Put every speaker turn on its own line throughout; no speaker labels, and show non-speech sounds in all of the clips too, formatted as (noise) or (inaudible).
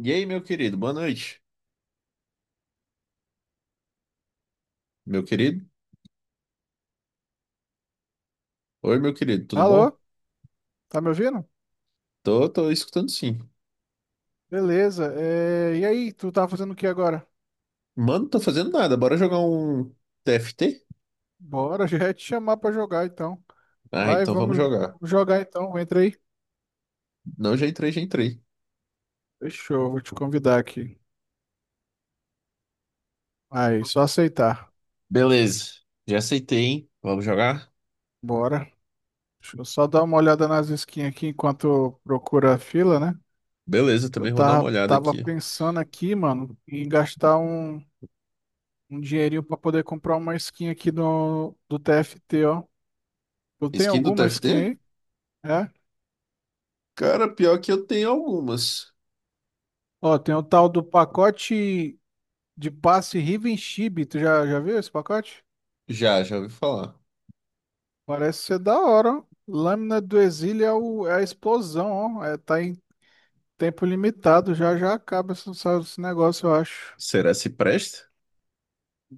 E aí, meu querido, boa noite. Meu querido? Oi, meu querido, tudo
Alô?
bom?
Tá me ouvindo?
Tô, escutando sim.
Beleza. É, e aí, tu tá fazendo o que agora?
Mano, não tô fazendo nada, bora jogar um TFT?
Bora, (laughs) já ia te chamar pra jogar então.
Ah,
Vai,
então vamos
vamos
jogar.
vamos jogar então. Entra aí.
Não, já entrei.
Fechou, vou te convidar aqui. Aí, só aceitar.
Beleza, já aceitei, hein? Vamos jogar?
Bora. Deixa eu só dar uma olhada nas skins aqui enquanto procura a fila, né?
Beleza,
Que eu
também vou dar uma
tava,
olhada
tava
aqui.
pensando aqui, mano, em gastar um dinheirinho pra poder comprar uma skin aqui do TFT, ó. Tu tem
Skin do
alguma
TFT?
skin aí? É?
Cara, pior que eu tenho algumas.
Ó, tem o tal do pacote de passe Riven Chibi, tu já viu esse pacote?
Já ouvi falar.
Parece ser da hora, ó. Lâmina do Exílio é a explosão, ó. É, tá em tempo limitado, já já acaba esse negócio, eu acho.
Será se presta?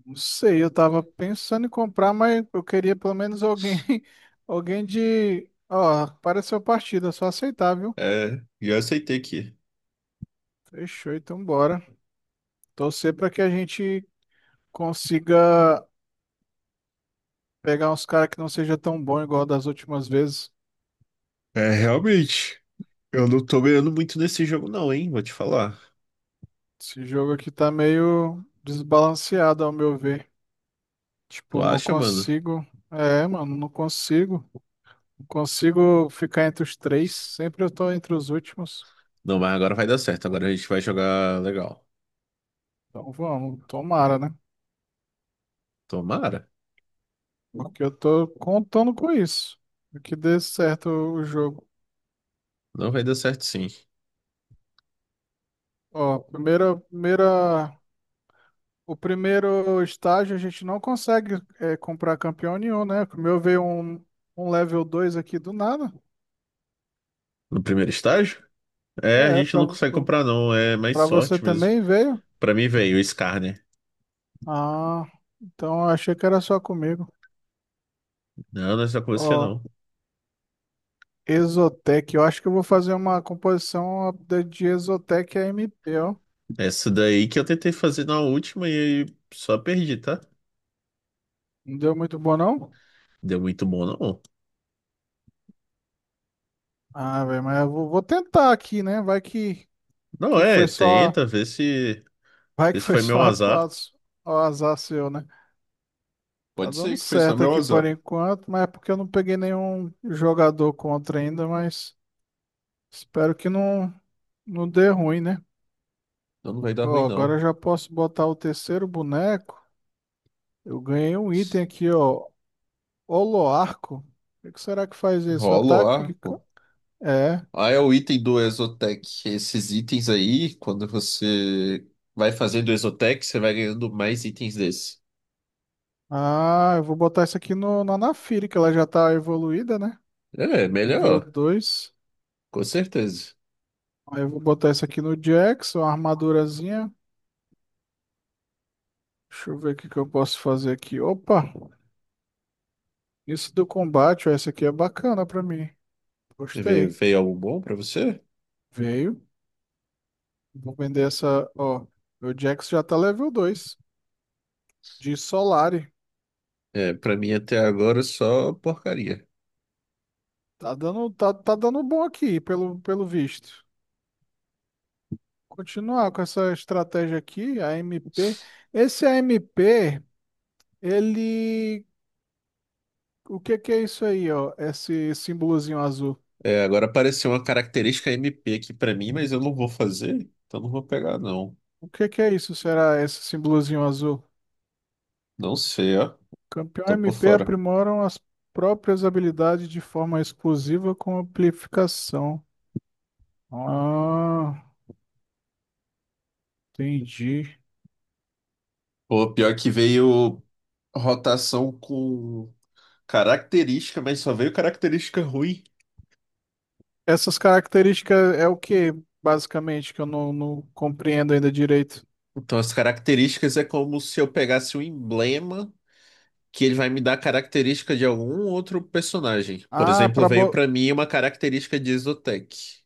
Não sei, eu tava pensando em comprar, mas eu queria pelo menos alguém, (laughs) alguém de. Ó, apareceu partida, só aceitar, viu?
É, já aceitei aqui.
Fechou, então bora. Torcer pra que a gente consiga pegar uns caras que não seja tão bom igual das últimas vezes.
É, realmente. Eu não tô ganhando muito nesse jogo, não, hein? Vou te falar.
Esse jogo aqui tá meio desbalanceado, ao meu ver.
Tu
Tipo, não
acha, mano?
consigo. É, mano, não consigo. Não consigo ficar entre os três. Sempre eu tô entre os últimos.
Não, mas agora vai dar certo. Agora a gente vai jogar legal.
Então vamos, tomara, né?
Tomara.
Porque eu tô contando com isso. Que dê certo o jogo.
Não vai dar certo, sim.
Ó, o primeiro estágio a gente não consegue comprar campeão nenhum, né? Como eu veio um level 2 aqui do nada.
No primeiro estágio? É, a
É,
gente não consegue
pra
comprar, não. É mais
pra você
sorte mesmo.
também veio.
Pra mim, velho, o Scar, né?
Ah, então eu achei que era só comigo.
Não, não é só com você,
Ó,
não.
Exotec. Eu acho que eu vou fazer uma composição de Exotec a MP, ó.
Essa daí que eu tentei fazer na última e aí só perdi, tá?
Não deu muito bom, não?
Deu muito bom, não.
Ah, velho, mas eu vou tentar aqui, né? Vai que,
Não,
que
é,
foi só.
tenta, vê se.
(laughs) Vai
Vê
que
se
foi
foi meu
só
azar.
o azar seu, né? Tá
Pode ser
dando
que foi só
certo
meu
aqui por
azar.
enquanto, mas é porque eu não peguei nenhum jogador contra ainda, mas espero que não dê ruim, né?
Então não vai dar ruim,
Ó, agora eu
não.
já posso botar o terceiro boneco. Eu ganhei um item aqui, ó. Holoarco. O que será que faz isso?
Rola o ar.
Ataque? É.
Ah, é o item do Exotec. Esses itens aí, quando você vai fazendo Exotec, você vai ganhando mais itens desse.
Ah, eu vou botar isso aqui no, na Naafiri, que ela já tá evoluída, né?
É, é
Nível
melhor,
2.
com certeza.
Aí eu vou botar isso aqui no Jackson, uma armadurazinha. Deixa eu ver o que que eu posso fazer aqui. Opa! Isso do combate, ó, essa aqui é bacana pra mim.
Veio,
Gostei.
veio algo bom pra você?
Veio. Vou vender essa, ó. Meu Jackson já tá level 2 de Solari.
É, pra mim até agora só porcaria.
Tá dando bom aqui, pelo visto. Continuar com essa estratégia aqui, a AMP. Esse a AMP, ele. O que que é isso aí, ó? Esse símbolozinho azul.
É, agora apareceu uma característica MP aqui pra mim, mas eu não vou fazer, então não vou pegar não.
O que que é isso? Será esse símbolozinho azul?
Não sei, ó.
Campeão
Tô por
MP
fora.
aprimoram as próprias habilidades de forma exclusiva com amplificação. Ah, entendi.
Pô, pior que veio rotação com característica, mas só veio característica ruim.
Essas características é o que, basicamente, que eu não compreendo ainda direito.
Então, as características é como se eu pegasse um emblema que ele vai me dar característica de algum outro personagem. Por
Ah,
exemplo, veio pra mim uma característica de Exotec.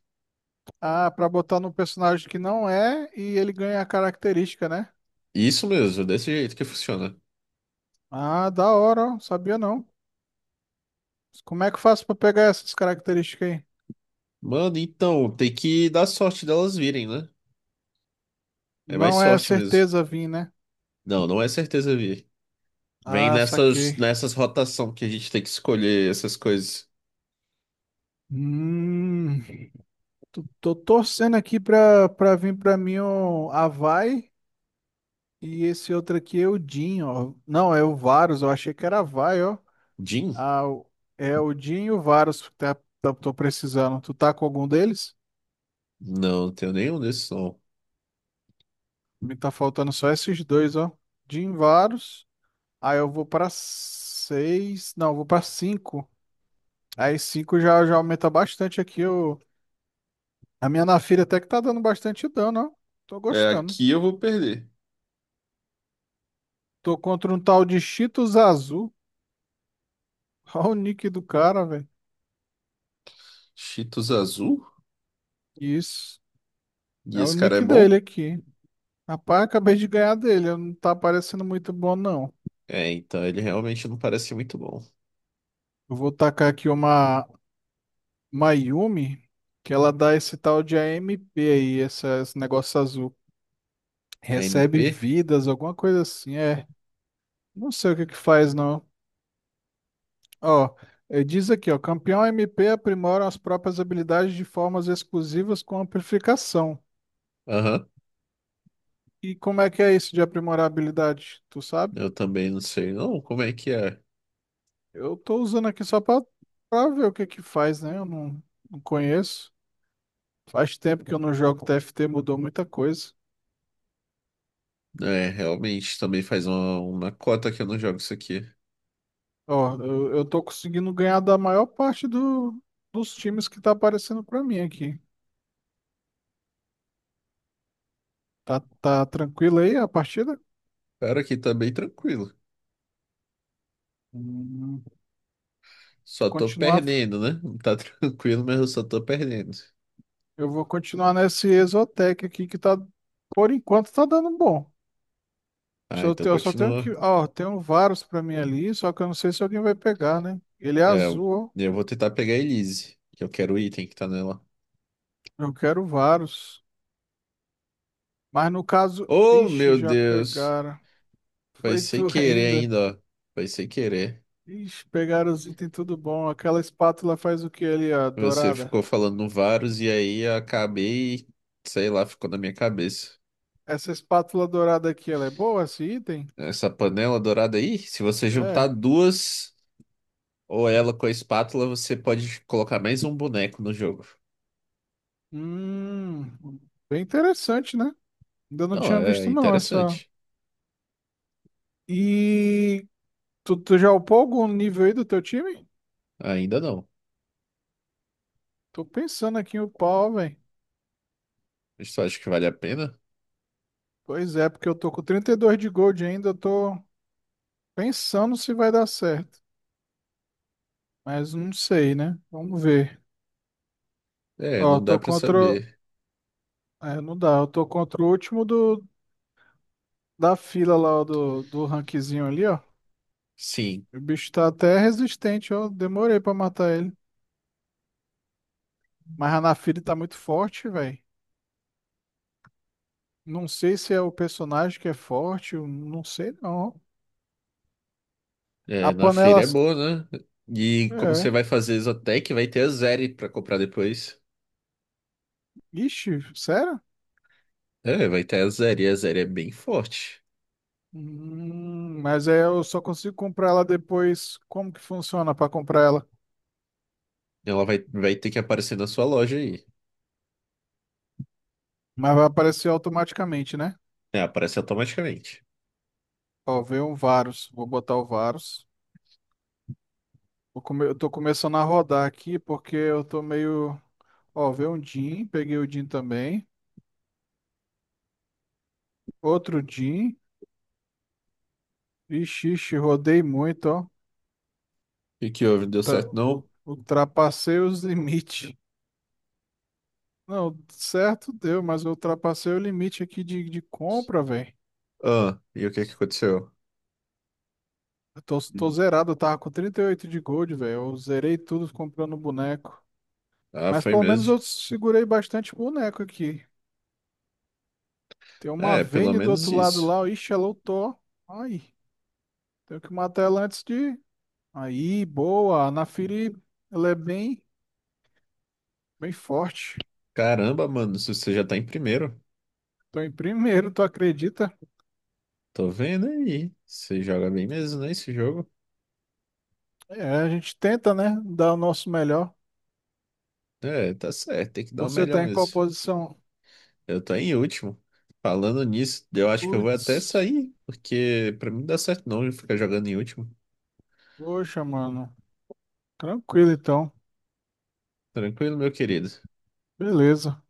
Pra botar num personagem que não é e ele ganha a característica, né?
Isso mesmo, desse jeito que funciona.
Ah, da hora, ó. Sabia não. Como é que eu faço pra pegar essas características aí?
Mano, então, tem que dar sorte delas virem, né? É mais
Não é
sorte mesmo.
certeza vir, né?
Não, não é certeza vir. Vem
Ah,
nessas,
saquei.
nessas rotação que a gente tem que escolher essas coisas.
Hum, tô torcendo aqui pra vir pra mim o Avai e esse outro aqui é o Jin, ó. Não, é o Varus, eu achei que era Avai, ó.
Jin?
Ah, é o Jin e o Varus que tô precisando. Tu tá com algum deles?
Não, não tenho nenhum desses, não.
Me tá faltando só esses dois, ó. De Invaros. Aí eu vou pra seis. Não, eu vou pra cinco. Aí cinco já aumenta bastante aqui. O. A minha Naafiri até que tá dando bastante dano, ó. Tô
É,
gostando.
aqui eu vou perder.
Tô contra um tal de Cheetos Azul. (laughs) Olha o nick do cara, velho.
Cheetos azul?
Isso.
E
É o
esse cara é
nick
bom?
dele aqui. Rapaz, acabei de ganhar dele. Não tá parecendo muito bom, não.
É, então ele realmente não parece muito bom.
Eu vou tacar aqui uma Yumi, que ela dá esse tal de AMP aí, esse negócio azul.
A M
Recebe
P.
vidas, alguma coisa assim, é. Não sei o que que faz, não. Ó, diz aqui, ó, campeão MP aprimora as próprias habilidades de formas exclusivas com amplificação.
Aham,
E como é que é isso de aprimorar a habilidade? Tu sabe?
eu também não sei não como é que é.
Eu tô usando aqui só pra ver o que que faz, né? Eu não conheço. Faz tempo que eu não jogo TFT, mudou muita coisa.
É, realmente também faz uma cota que eu não jogo isso aqui.
Ó, eu tô conseguindo ganhar da maior parte dos times que tá aparecendo pra mim aqui. Tá tranquilo aí a partida?
Cara, aqui tá bem tranquilo.
Hum,
Só
tu
tô
continuar,
perdendo, né? Tá (laughs) tranquilo, mas eu só tô perdendo.
eu vou continuar nesse Exotec aqui que tá, por enquanto, tá dando bom.
Ah, então
Eu só tenho que,
continua.
ó, tem um Varus pra mim ali, só que eu não sei se alguém vai pegar, né? Ele é
É,
azul,
eu vou tentar pegar a Elise, que eu quero o item que tá nela.
ó. Eu quero Varus. Mas no caso,
Oh,
ixi,
meu
já
Deus!
pegaram. (laughs)
Foi
Foi
sem
tu
querer
ainda.
ainda, ó. Foi sem querer.
Ixi, pegaram os itens tudo bom. Aquela espátula faz o que ali, ó,
Você
dourada.
ficou falando no Varus e aí eu acabei, sei lá, ficou na minha cabeça.
Essa espátula dourada aqui, ela é boa, esse item?
Essa panela dourada aí, se você juntar
É.
duas ou ela com a espátula, você pode colocar mais um boneco no jogo.
Hum, bem interessante, né? Ainda não
Não,
tinha
é
visto não essa.
interessante.
E tu já upou algum nível aí do teu time?
Ainda não.
Tô pensando aqui em upar, velho.
Eu só acho que vale a pena.
Pois é, porque eu tô com 32 de gold ainda, eu tô pensando se vai dar certo. Mas não sei, né? Vamos ver.
É,
Ó, eu
não dá
tô
pra
contra.
saber.
É, não dá. Eu tô contra o último da fila lá, ó, do rankzinho ali, ó.
Sim,
O bicho tá até resistente, ó. Demorei pra matar ele. Mas a Naafiri tá muito forte, velho. Não sei se é o personagem que é forte, eu não sei não. A
é, na feira
panela.
é boa, né? E como você
É.
vai fazer Exotec, vai ter a Zeri pra comprar depois.
Ixi, sério?
É, vai ter a Zeri. A Zeri é bem forte.
Mas aí eu só consigo comprar ela depois. Como que funciona para comprar ela?
Ela vai ter que aparecer na sua loja aí.
Mas vai aparecer automaticamente, né?
É, aparece automaticamente.
Ó, veio um Varus. Vou botar o Varus. Eu tô começando a rodar aqui porque eu tô meio. Ó, veio um Jin. Peguei o Jin também. Outro Jin. Ixi, ixi, rodei muito, ó.
E que houve? Não deu
Tá-
certo, não?
Ultrapassei os (laughs) limites. Não, certo deu, mas eu ultrapassei o limite aqui de compra, velho.
Ah, e o que que aconteceu?
Eu tô
Hum.
zerado, eu tava com 38 de gold, velho. Eu zerei tudo comprando boneco.
Ah,
Mas
foi
pelo menos eu
mesmo.
segurei bastante boneco aqui. Tem uma
É, pelo
Vayne do
menos
outro lado
isso.
lá. Ixi, ela ultou. Ai, tenho que matar ela antes de. Aí, boa. A Naafiri, ela é bem, bem forte.
Caramba, mano, se você já tá em primeiro.
Tô em primeiro, tu acredita?
Tô vendo aí. Você joga bem mesmo, né, esse jogo?
É, a gente tenta, né? Dar o nosso melhor.
É, tá certo, tem que dar o
Você
melhor
tá em qual
mesmo.
posição?
Eu tô em último. Falando nisso, eu acho que eu vou até
Putz,
sair, porque pra mim não dá certo não ficar jogando em último.
poxa, mano. Tranquilo então.
Tranquilo, meu querido.
Beleza.